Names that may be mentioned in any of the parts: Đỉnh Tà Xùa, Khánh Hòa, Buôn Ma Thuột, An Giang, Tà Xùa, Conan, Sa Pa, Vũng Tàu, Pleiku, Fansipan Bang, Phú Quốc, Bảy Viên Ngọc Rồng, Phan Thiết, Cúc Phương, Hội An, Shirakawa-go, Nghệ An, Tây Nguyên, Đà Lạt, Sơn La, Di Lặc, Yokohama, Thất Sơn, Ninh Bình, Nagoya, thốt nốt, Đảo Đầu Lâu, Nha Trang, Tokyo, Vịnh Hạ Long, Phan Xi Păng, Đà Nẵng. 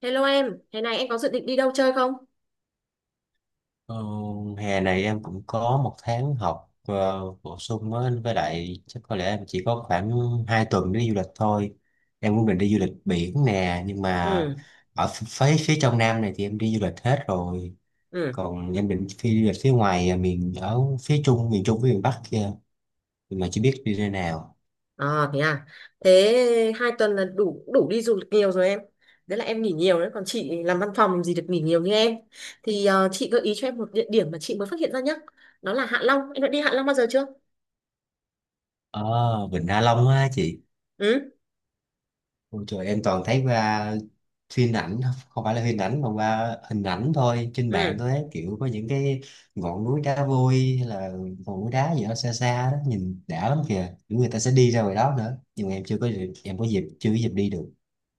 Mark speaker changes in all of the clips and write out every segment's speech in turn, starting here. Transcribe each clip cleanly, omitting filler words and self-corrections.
Speaker 1: Hello em, thế này em có dự định đi đâu chơi không?
Speaker 2: Ờ, Hè này em cũng có một tháng học bổ sung á, với lại chắc có lẽ em chỉ có khoảng 2 tuần đi du lịch thôi. Em cũng định đi du lịch biển nè, nhưng mà
Speaker 1: Ừ,
Speaker 2: ở ph- phía phía trong Nam này thì em đi du lịch hết rồi.
Speaker 1: ừ,
Speaker 2: Còn em định đi du lịch phía ngoài miền ở phía Trung, miền Trung với miền Bắc kia, nhưng mà chưa biết đi nơi nào.
Speaker 1: à. Thế 2 tuần là đủ đủ đi du lịch nhiều rồi em. Đấy là em nghỉ nhiều đấy, còn chị làm văn phòng làm gì được nghỉ nhiều như em. Thì chị gợi ý cho em một địa điểm mà chị mới phát hiện ra nhá. Đó là Hạ Long, em đã đi Hạ Long bao giờ chưa?
Speaker 2: Ờ, Vịnh Hạ Long á chị.
Speaker 1: Ừ,
Speaker 2: Ôi trời, em toàn thấy qua phim ảnh, không phải là phim ảnh mà qua hình ảnh thôi trên mạng
Speaker 1: ừ.
Speaker 2: thôi ấy. Kiểu có những cái ngọn núi đá vôi hay là ngọn núi đá gì đó xa xa đó, nhìn đã lắm kìa, những người ta sẽ đi ra ngoài đó nữa, nhưng mà em chưa có dịp- em có dịp chưa có dịp đi được.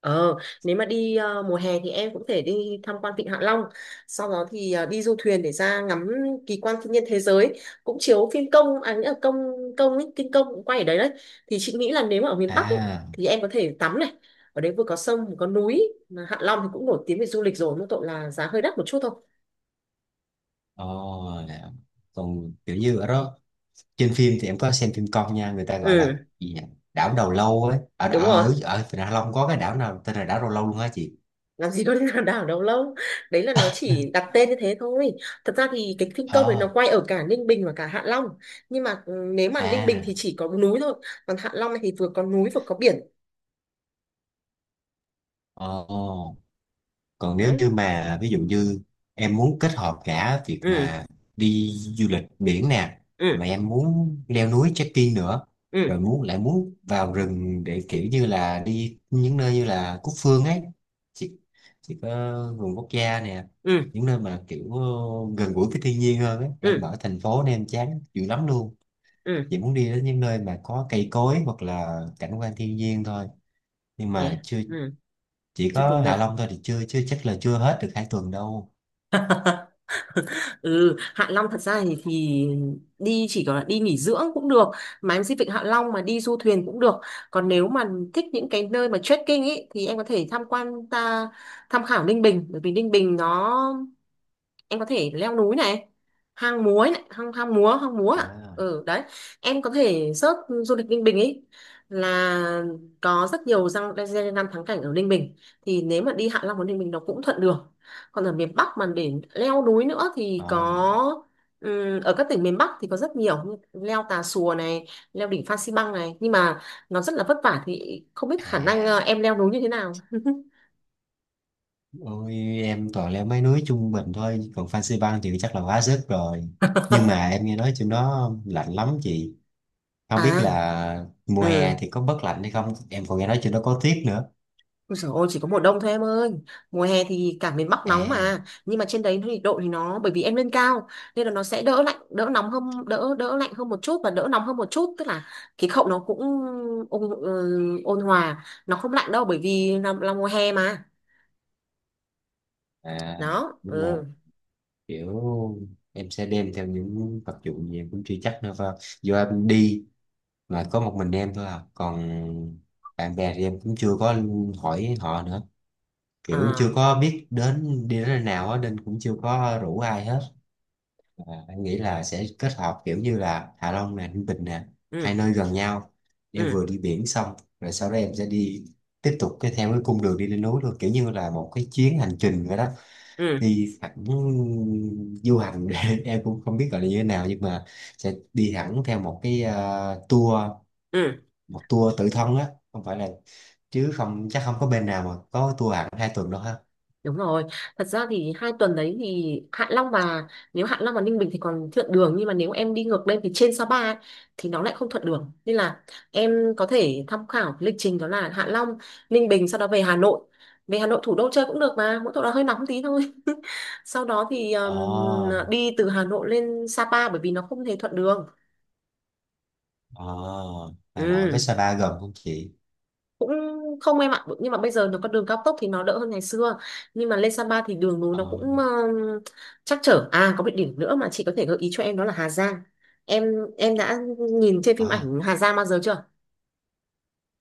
Speaker 1: Ờ, nếu mà đi mùa hè thì em cũng thể đi tham quan Vịnh Hạ Long, sau đó thì đi du thuyền để ra ngắm kỳ quan thiên nhiên thế giới, cũng chiếu phim công, à, nghĩa là công công ấy, kinh công cũng quay ở đấy đấy. Thì chị nghĩ là nếu mà ở miền Bắc ấy,
Speaker 2: à
Speaker 1: thì em có thể tắm này, ở đấy vừa có sông vừa có núi, mà Hạ Long thì cũng nổi tiếng về du lịch rồi, mỗi tội là giá hơi đắt một chút thôi.
Speaker 2: ồ là- Còn kiểu như ở đó trên phim thì em có xem phim con nha, người ta gọi
Speaker 1: Ừ,
Speaker 2: là gì nhỉ? Đảo Đầu Lâu ấy, ở
Speaker 1: đúng
Speaker 2: ở
Speaker 1: rồi.
Speaker 2: ở ở Vịnh Hạ Long có cái đảo nào tên là đảo Đầu Lâu luôn hả chị?
Speaker 1: Làm gì có liên hoàn đảo đâu lâu, đấy là nó chỉ đặt tên như thế thôi. Thật ra thì cái phim công đấy nó
Speaker 2: Ờ
Speaker 1: quay ở cả Ninh Bình và cả Hạ Long, nhưng mà nếu mà Ninh Bình thì
Speaker 2: à
Speaker 1: chỉ có núi thôi, còn Hạ Long thì vừa có núi vừa có biển.
Speaker 2: ồ Còn nếu
Speaker 1: Đấy.
Speaker 2: như mà ví dụ như em muốn kết hợp cả việc
Speaker 1: Ừ.
Speaker 2: mà đi du lịch biển nè, mà
Speaker 1: Ừ.
Speaker 2: em muốn leo núi trekking nữa,
Speaker 1: Ừ.
Speaker 2: rồi lại muốn vào rừng để kiểu như là đi những nơi như là Cúc Phương ấy, chỉ, chỉ có vườn quốc gia nè,
Speaker 1: Ừ.
Speaker 2: những nơi mà kiểu gần gũi với thiên nhiên hơn ấy,
Speaker 1: Ừ.
Speaker 2: em
Speaker 1: Ừ.
Speaker 2: ở thành phố nên em chán dữ lắm luôn,
Speaker 1: Ừ.
Speaker 2: chỉ muốn đi đến những nơi mà có cây cối hoặc là cảnh quan thiên nhiên thôi, nhưng
Speaker 1: Thế
Speaker 2: mà
Speaker 1: à?
Speaker 2: chưa,
Speaker 1: Ừ,
Speaker 2: chỉ
Speaker 1: chưa
Speaker 2: có
Speaker 1: từng
Speaker 2: Hạ
Speaker 1: được.
Speaker 2: Long thôi thì chưa chưa chắc là chưa hết được 2 tuần đâu.
Speaker 1: Ừ, Hạ Long thật ra thì đi chỉ có là đi nghỉ dưỡng cũng được, mà em xin Vịnh Hạ Long mà đi du thuyền cũng được. Còn nếu mà thích những cái nơi mà trekking ấy thì em có thể tham quan ta tham khảo Ninh Bình, bởi vì Ninh Bình nó, em có thể leo núi này, hang múa ấy này, hang hang múa, hang múa, à,
Speaker 2: à
Speaker 1: ừ, đấy. Em có thể search du lịch Ninh Bình ấy, là có rất nhiều răng danh lam thắng cảnh ở Ninh Bình. Thì nếu mà đi Hạ Long và Ninh Bình nó cũng thuận đường. Còn ở miền Bắc mà để leo núi nữa thì
Speaker 2: ờ
Speaker 1: có, ở các tỉnh miền Bắc thì có rất nhiều, như leo Tà Xùa này, leo đỉnh Phan Xi Păng này, nhưng mà nó rất là vất vả, thì không biết khả năng
Speaker 2: à
Speaker 1: em leo núi như thế nào.
Speaker 2: Ôi, em toàn leo mấy núi trung bình thôi, còn Fansipan Bang thì chắc là quá sức rồi. Nhưng mà em nghe nói trên đó lạnh lắm chị, không
Speaker 1: À,
Speaker 2: biết là mùa hè
Speaker 1: ừ,
Speaker 2: thì có bớt lạnh hay không, em còn nghe nói trên đó có tuyết nữa.
Speaker 1: ôi dồi ôi, chỉ có mùa đông thôi em ơi. Mùa hè thì cả miền Bắc nóng
Speaker 2: à
Speaker 1: mà. Nhưng mà trên đấy nhiệt độ thì nó, bởi vì em lên cao nên là nó sẽ đỡ lạnh, đỡ nóng hơn, Đỡ đỡ lạnh hơn một chút và đỡ nóng hơn một chút. Tức là khí hậu nó cũng ôn hòa. Nó không lạnh đâu, bởi vì là mùa hè mà.
Speaker 2: à
Speaker 1: Đó,
Speaker 2: nhưng mà
Speaker 1: ừ.
Speaker 2: kiểu em sẽ đem theo những vật dụng gì em cũng chưa chắc nữa, vào do em đi mà có một mình em thôi à, còn bạn bè thì em cũng chưa có hỏi họ nữa, kiểu
Speaker 1: À,
Speaker 2: chưa có biết đi đến nơi nào á nên cũng chưa có rủ ai hết. Anh nghĩ là sẽ kết hợp kiểu như là Hạ Long nè, Ninh Bình nè,
Speaker 1: ừ.
Speaker 2: hai nơi gần nhau, em
Speaker 1: Ừ.
Speaker 2: vừa đi biển xong rồi sau đó em sẽ đi tiếp tục cái theo cái cung đường đi lên núi luôn, kiểu như là một cái chuyến hành trình vậy đó,
Speaker 1: Ừ.
Speaker 2: đi thẳng du hành. Em cũng không biết gọi là như thế nào, nhưng mà sẽ đi hẳn theo một cái tour,
Speaker 1: Ừ.
Speaker 2: một tour tự thân á, không phải là chứ không chắc không có bên nào mà có tour hẳn 2 tuần đâu ha.
Speaker 1: Đúng rồi, thật ra thì 2 tuần đấy thì Hạ Long và, nếu Hạ Long và Ninh Bình thì còn thuận đường, nhưng mà nếu em đi ngược lên thì trên Sapa ấy, thì nó lại không thuận đường, nên là em có thể tham khảo cái lịch trình đó là Hạ Long, Ninh Bình, sau đó về Hà Nội. Về Hà Nội thủ đô chơi cũng được, mà mỗi chỗ đó hơi nóng tí thôi. Sau đó thì
Speaker 2: Ồ
Speaker 1: đi từ Hà Nội lên Sa Pa, bởi vì nó không hề thuận đường.
Speaker 2: Ờ, Hà Nội với
Speaker 1: Ừ,
Speaker 2: Sapa gần không chị?
Speaker 1: cũng không em ạ, nhưng mà bây giờ nó có đường cao tốc thì nó đỡ hơn ngày xưa, nhưng mà lên Sapa thì đường núi nó
Speaker 2: Ờ,
Speaker 1: cũng trắc trở. À, có một điểm nữa mà chị có thể gợi ý cho em đó là Hà Giang. em em đã nhìn trên phim
Speaker 2: à,
Speaker 1: ảnh Hà Giang bao giờ chưa?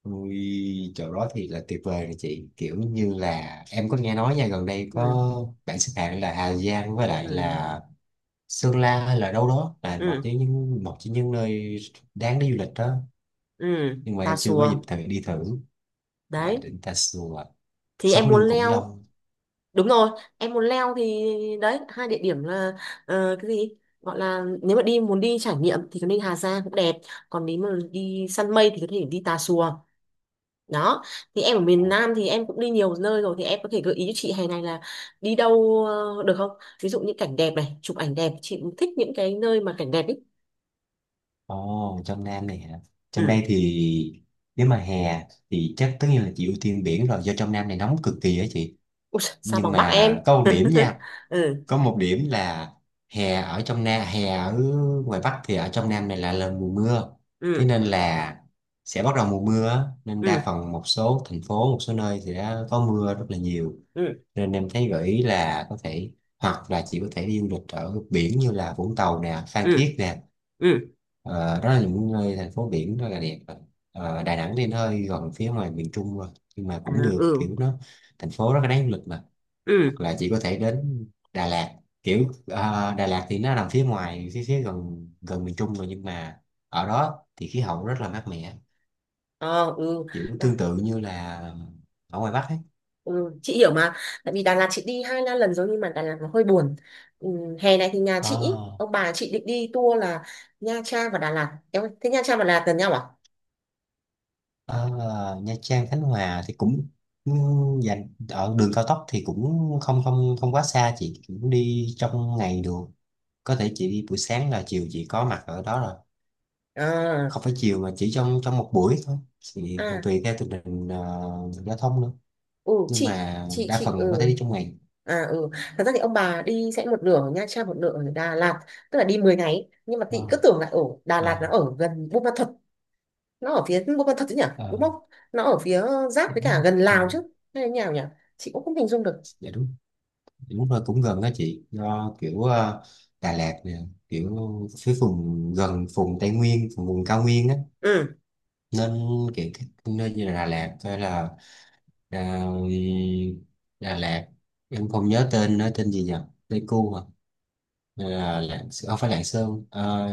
Speaker 2: ui, chỗ đó thì là tuyệt vời rồi chị. Kiểu như là em có nghe nói nha, gần đây
Speaker 1: Ừ.
Speaker 2: có bạn xếp hạng là Hà Giang với lại
Speaker 1: Ừ.
Speaker 2: là Sơn La hay là đâu đó là một
Speaker 1: Ừ.
Speaker 2: trong những một trong những nơi đáng để du lịch đó.
Speaker 1: Ừ.
Speaker 2: Nhưng mà
Speaker 1: Tà
Speaker 2: em chưa có dịp
Speaker 1: Xùa
Speaker 2: thời đi thử. Dạ,
Speaker 1: đấy,
Speaker 2: đỉnh Tà Xùa,
Speaker 1: thì em
Speaker 2: sống
Speaker 1: muốn
Speaker 2: lưng Khủng
Speaker 1: leo,
Speaker 2: Long.
Speaker 1: đúng rồi, em muốn leo thì đấy, hai địa điểm là, cái gì gọi là, nếu mà đi muốn đi trải nghiệm thì có nên, Hà Giang cũng đẹp, còn nếu mà đi săn mây thì có thể đi Tà Xùa. Đó, thì em ở miền Nam thì em cũng đi nhiều nơi rồi, thì em có thể gợi ý cho chị hè này là đi đâu được không, ví dụ như cảnh đẹp này, chụp ảnh đẹp, chị cũng thích những cái nơi mà cảnh đẹp ý.
Speaker 2: Ồ, trong Nam này hả? Trong
Speaker 1: Ừ.
Speaker 2: đây thì nếu mà hè thì chắc tất nhiên là chị ưu tiên biển rồi, do trong Nam này nóng cực kỳ á chị.
Speaker 1: Ui, sao
Speaker 2: Nhưng
Speaker 1: bằng Bắc em.
Speaker 2: mà
Speaker 1: Ừ.
Speaker 2: có một điểm là hè ở trong Nam, hè ở ngoài Bắc thì ở trong Nam này là mùa mưa, thế
Speaker 1: Ừ.
Speaker 2: nên là sẽ bắt đầu mùa mưa á, nên đa
Speaker 1: Ừ.
Speaker 2: phần một số thành phố một số nơi thì đã có mưa rất là nhiều,
Speaker 1: Ừ.
Speaker 2: nên em thấy gợi ý là có thể hoặc là chị có thể đi du lịch ở biển như là Vũng Tàu nè, Phan
Speaker 1: Ừ.
Speaker 2: Thiết nè.
Speaker 1: Ừ.
Speaker 2: Ờ, đó là những nơi thành phố biển rất là đẹp rồi. Ờ, Đà Nẵng thì nó hơi gần phía ngoài miền Trung rồi, nhưng mà
Speaker 1: À,
Speaker 2: cũng được,
Speaker 1: ừ.
Speaker 2: kiểu nó thành phố rất là đáng du lịch mà. Hoặc
Speaker 1: Ừ.
Speaker 2: là chị có thể đến Đà Lạt, kiểu Đà Lạt thì nó nằm phía ngoài phía phía gần gần miền Trung rồi, nhưng mà ở đó thì khí hậu rất là mát mẻ,
Speaker 1: Ờ, ừ.
Speaker 2: kiểu
Speaker 1: À,
Speaker 2: tương tự như là ở ngoài Bắc ấy.
Speaker 1: ừ chị hiểu mà. Tại vì Đà Lạt chị đi hai ba lần rồi nhưng mà Đà Lạt nó hơi buồn. Ừ, hè này thì nhà chị ý,
Speaker 2: Ờ,
Speaker 1: ông bà chị định đi tour là Nha Trang và Đà Lạt em ơi. Thế Nha Trang và Đà Lạt gần nhau à?
Speaker 2: ở Nha Trang Khánh Hòa thì cũng dành ở đường cao tốc thì cũng không không không quá xa, chị cũng đi trong ngày được, có thể chị đi buổi sáng là chiều chị có mặt ở đó rồi,
Speaker 1: À.
Speaker 2: không phải chiều mà chỉ trong trong một buổi thôi, thì còn
Speaker 1: À.
Speaker 2: tùy theo tình hình giao thông nữa,
Speaker 1: Ừ
Speaker 2: nhưng
Speaker 1: chị
Speaker 2: mà
Speaker 1: chị
Speaker 2: đa
Speaker 1: chị
Speaker 2: phần có
Speaker 1: ừ.
Speaker 2: thể đi trong ngày.
Speaker 1: À, ừ, thật ra thì ông bà đi sẽ một nửa ở Nha Trang, một nửa ở Đà Lạt, tức là đi 10 ngày, nhưng mà chị
Speaker 2: Ờ,
Speaker 1: cứ tưởng là ở Đà Lạt nó
Speaker 2: ờ,
Speaker 1: ở gần Buôn Ma Thuột. Nó ở phía Buôn Ma Thuột chứ nhỉ, đúng
Speaker 2: ờ,
Speaker 1: không? Nó ở phía giáp
Speaker 2: dạ
Speaker 1: với
Speaker 2: đúng
Speaker 1: cả
Speaker 2: rồi.
Speaker 1: gần
Speaker 2: Ừ,
Speaker 1: Lào chứ? Hay là như nào nhỉ? Chị cũng không hình dung được.
Speaker 2: dạ đúng. Dạ đúng rồi, cũng gần đó chị, do kiểu Đà Lạt nè, kiểu phía vùng gần vùng Tây Nguyên, vùng cao nguyên á,
Speaker 1: Ừ.
Speaker 2: nên kiểu các nơi như là Đà Lạt hay là à, Đà Lạt, em không nhớ tên nó tên gì nhỉ, Pleiku à, hay là Lạng, không phải Lạng Sơn,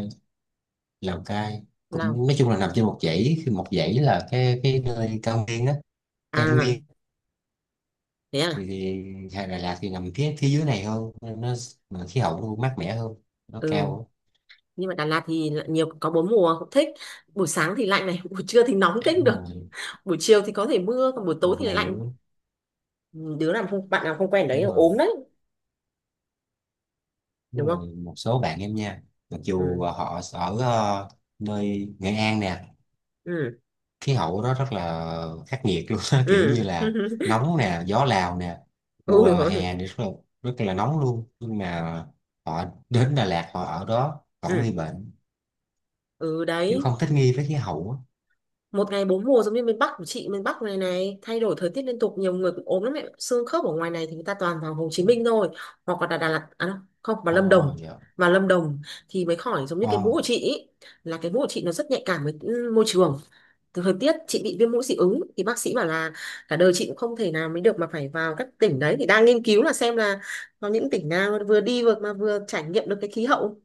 Speaker 2: Lào Cai,
Speaker 1: Lào.
Speaker 2: cũng nói chung là nằm trên một dãy, khi một dãy là cái nơi cao nguyên á, Tây Nguyên,
Speaker 1: À, thế
Speaker 2: thì,
Speaker 1: à.
Speaker 2: thì hay Đà Lạt thì nằm phía phía dưới này hơn nên nó, mà khí hậu nó mát mẻ hơn, nó
Speaker 1: Ừ,
Speaker 2: cao,
Speaker 1: nhưng mà Đà Lạt thì lại nhiều, có bốn mùa cũng thích. Buổi sáng thì lạnh này, buổi trưa thì nóng
Speaker 2: á
Speaker 1: kinh
Speaker 2: đúng
Speaker 1: được,
Speaker 2: rồi,
Speaker 1: buổi chiều thì có thể mưa, còn buổi tối
Speaker 2: một
Speaker 1: thì
Speaker 2: ngày
Speaker 1: lạnh.
Speaker 2: nữa,
Speaker 1: Ừ, đứa nào không, bạn nào không quen đấy
Speaker 2: đúng
Speaker 1: là
Speaker 2: rồi.
Speaker 1: ốm đấy,
Speaker 2: Đúng
Speaker 1: đúng không?
Speaker 2: rồi, một số bạn em nha, mặc dù
Speaker 1: Ừ.
Speaker 2: họ ở nơi Nghệ An nè,
Speaker 1: Ừ.
Speaker 2: khí hậu đó rất là khắc nghiệt luôn. Kiểu
Speaker 1: Ừ.
Speaker 2: như là nóng nè, gió Lào nè, mùa
Speaker 1: Ừ, rồi.
Speaker 2: hè thì rất là nóng luôn, nhưng mà họ đến Đà Lạt họ ở đó vẫn nguy
Speaker 1: Ừ.
Speaker 2: bệnh,
Speaker 1: Ừ,
Speaker 2: kiểu
Speaker 1: đấy,
Speaker 2: không thích nghi với khí hậu á.
Speaker 1: một ngày bốn mùa giống như miền Bắc của chị, miền Bắc này này thay đổi thời tiết liên tục, nhiều người cũng ốm lắm, mẹ xương khớp ở ngoài này thì người ta toàn vào Hồ Chí Minh thôi, hoặc là Đà Lạt à, không không, vào Lâm
Speaker 2: Ồ,
Speaker 1: Đồng
Speaker 2: dạ.
Speaker 1: vào Lâm Đồng thì mới khỏi, giống như
Speaker 2: Ồ,
Speaker 1: cái mũ của chị ý, là cái mũ của chị nó rất nhạy cảm với môi trường, từ thời tiết. Chị bị viêm mũi dị ứng thì bác sĩ bảo là cả đời chị cũng không thể nào mới được mà phải vào các tỉnh đấy, thì đang nghiên cứu là xem là có những tỉnh nào vừa đi vừa mà vừa trải nghiệm được cái khí hậu.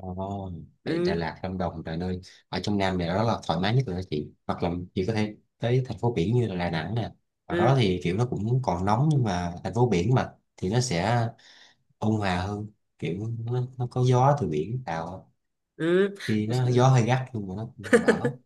Speaker 2: Ồ, vậy Đà
Speaker 1: Ừ.
Speaker 2: Lạt, Lâm Đồng là nơi ở trong Nam này đó là thoải mái nhất rồi đó chị, hoặc là chị có thể tới thành phố biển như là Đà Nẵng nè, ở đó
Speaker 1: Ừ.
Speaker 2: thì kiểu nó cũng còn nóng nhưng mà thành phố biển mà thì nó sẽ ôn hòa hơn, kiểu nó có gió từ biển vào á,
Speaker 1: Ừ.
Speaker 2: thì nó gió hơi gắt nhưng mà nó cũng đỡ.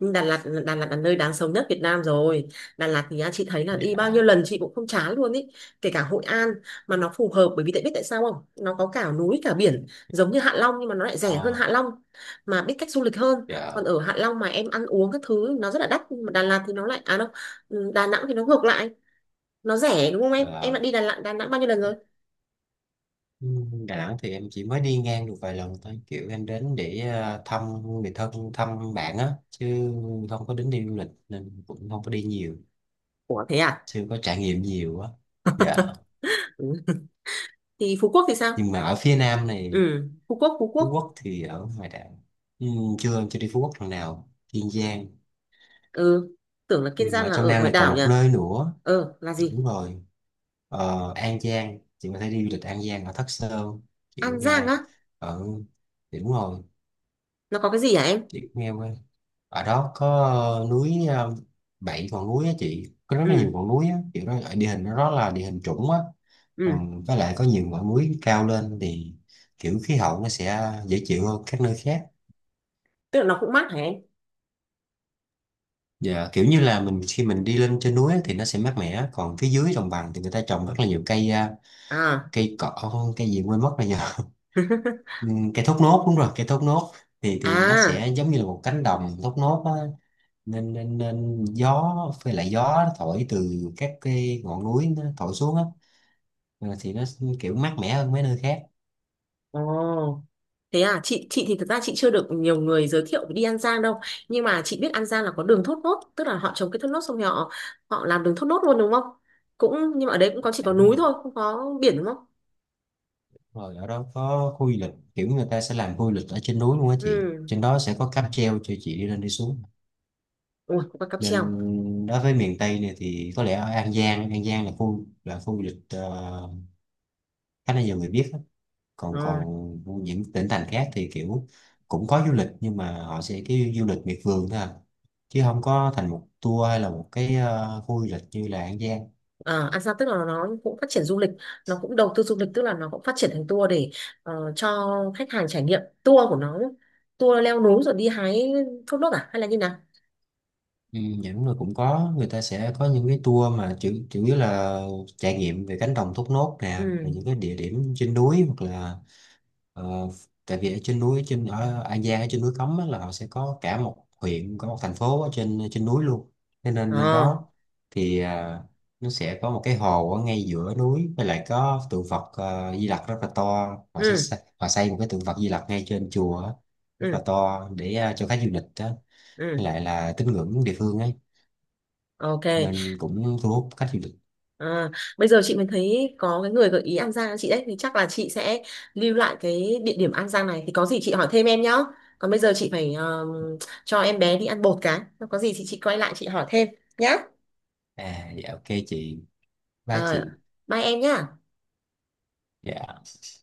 Speaker 1: Nhưng Đà Lạt là nơi đáng sống nhất Việt Nam rồi. Đà Lạt thì á, chị thấy là đi bao
Speaker 2: Dạ,
Speaker 1: nhiêu lần chị cũng không chán luôn ý, kể cả Hội An. Mà nó phù hợp bởi vì tại biết tại sao không, nó có cả núi cả biển giống như Hạ Long nhưng mà nó lại rẻ hơn
Speaker 2: ờ,
Speaker 1: Hạ Long, mà biết cách du lịch hơn. Còn
Speaker 2: dạ.
Speaker 1: ở Hạ Long mà em ăn uống các thứ nó rất là đắt, nhưng mà Đà Lạt thì nó lại, à đâu, ừ, Đà Nẵng thì nó ngược lại, nó rẻ đúng không Em
Speaker 2: Ờ,
Speaker 1: đã đi Đà Lạt Đà Nẵng bao nhiêu lần rồi?
Speaker 2: ừ, Đà Nẵng thì em chỉ mới đi ngang được vài lần thôi, kiểu em đến để thăm người thân, thăm bạn á, chứ không có đến đi du lịch nên cũng không có đi nhiều,
Speaker 1: Ủa, thế à.
Speaker 2: chưa có trải nghiệm nhiều á. Dạ.
Speaker 1: Ừ. Thì Phú Quốc thì sao?
Speaker 2: Nhưng mà ở phía Nam này,
Speaker 1: Ừ. Phú Quốc Phú
Speaker 2: Phú
Speaker 1: Quốc
Speaker 2: Quốc thì ở ngoài đảo, nhưng chưa chưa đi Phú Quốc lần nào, Kiên Giang.
Speaker 1: Ừ, tưởng là Kiên
Speaker 2: Nhưng mà
Speaker 1: Giang
Speaker 2: ở
Speaker 1: là
Speaker 2: trong
Speaker 1: ở
Speaker 2: Nam
Speaker 1: ngoài
Speaker 2: này còn
Speaker 1: đảo
Speaker 2: một
Speaker 1: nhỉ.
Speaker 2: nơi nữa,
Speaker 1: Ờ, là gì?
Speaker 2: đúng rồi, An Giang, chị có thể đi du lịch An Giang ở Thất Sơn, chị
Speaker 1: An
Speaker 2: cũng
Speaker 1: Giang
Speaker 2: nghe,
Speaker 1: á?
Speaker 2: ở thì đúng rồi,
Speaker 1: Nó có cái gì hả em?
Speaker 2: chị cũng nghe qua, ở đó có ờ, núi ờ, bảy ngọn núi á chị, có rất là nhiều
Speaker 1: Ừ.
Speaker 2: ngọn núi á, kiểu đó ở địa hình nó, đó là địa hình trũng á,
Speaker 1: Ừ.
Speaker 2: còn với lại có nhiều ngọn núi cao lên thì kiểu khí hậu nó sẽ dễ chịu hơn các nơi khác.
Speaker 1: Tức là nó cũng mát hả em?
Speaker 2: Dạ, kiểu như là mình khi mình đi lên trên núi á thì nó sẽ mát mẻ, còn phía dưới đồng bằng thì người ta trồng rất là nhiều cây
Speaker 1: À.
Speaker 2: cây cỏ cây gì quên mất rồi nhờ. Cây thốt nốt, đúng rồi cây thốt nốt, thì nó
Speaker 1: À.
Speaker 2: sẽ giống như là một cánh đồng thốt nốt á, nên nên nên gió, với lại gió nó thổi từ các cái ngọn núi nó thổi xuống á, thì nó kiểu mát mẻ hơn mấy nơi khác.
Speaker 1: Ồ, thế à, chị thì thực ra chị chưa được nhiều người giới thiệu đi An Giang đâu, nhưng mà chị biết An Giang là có đường thốt nốt, tức là họ trồng cái thốt nốt xong rồi họ, họ làm đường thốt nốt luôn đúng không? Cũng, nhưng mà ở đấy cũng có, chỉ
Speaker 2: Dạ,
Speaker 1: có
Speaker 2: đúng
Speaker 1: núi
Speaker 2: rồi.
Speaker 1: thôi, không có biển đúng không?
Speaker 2: Rồi ở đó có khu du lịch, kiểu người ta sẽ làm khu du lịch ở trên núi luôn á chị,
Speaker 1: Ừ.
Speaker 2: trên đó sẽ có cáp treo cho chị đi lên đi xuống,
Speaker 1: Ui, có cáp treo.
Speaker 2: nên đối với miền Tây này thì có lẽ ở An Giang là khu du lịch khá là nhiều người biết á, còn
Speaker 1: Ờ.
Speaker 2: còn những tỉnh thành khác thì kiểu cũng có du lịch nhưng mà họ sẽ cái du lịch miệt vườn thôi à, chứ không có thành một tour hay là một cái khu du lịch như là An Giang.
Speaker 1: À, Ansa tức là nó cũng phát triển du lịch, nó cũng đầu tư du lịch, tức là nó cũng phát triển thành tour để cho khách hàng trải nghiệm tour của nó, tour leo núi rồi đi hái thốt nốt, à, hay là như nào?
Speaker 2: Ừ, dạ đúng rồi, cũng có người ta sẽ có những cái tour mà chủ chủ yếu là trải nghiệm về cánh đồng thốt nốt nè
Speaker 1: Ừ.
Speaker 2: và những cái địa điểm trên núi, hoặc là ờ, tại vì ở trên núi, trên ở An Giang ở trên núi Cấm á, là họ sẽ có cả một huyện, có một thành phố ở trên trên núi luôn, thế nên lên
Speaker 1: Ờ.
Speaker 2: đó thì nó sẽ có một cái hồ ở ngay giữa núi, với lại có tượng Phật Di Lặc rất là to, họ sẽ
Speaker 1: Ừ.
Speaker 2: xây, họ xây một cái tượng Phật Di Lặc ngay trên chùa á, rất là
Speaker 1: Ừ.
Speaker 2: to để cho khách du lịch đó, với
Speaker 1: Ừ.
Speaker 2: lại là tín ngưỡng địa phương ấy,
Speaker 1: Ok.
Speaker 2: nên cũng thu hút khách du lịch.
Speaker 1: Ờ, bây giờ chị mới thấy có cái người gợi ý An Giang chị đấy, thì chắc là chị sẽ lưu lại cái địa điểm An Giang này, thì có gì chị hỏi thêm em nhá. Còn bây giờ chị phải cho em bé đi ăn bột cái. Có gì thì chị quay lại chị hỏi thêm nhá.
Speaker 2: Dạ ok chị, ba
Speaker 1: Ờ,
Speaker 2: chị,
Speaker 1: bye em nhá.
Speaker 2: dạ.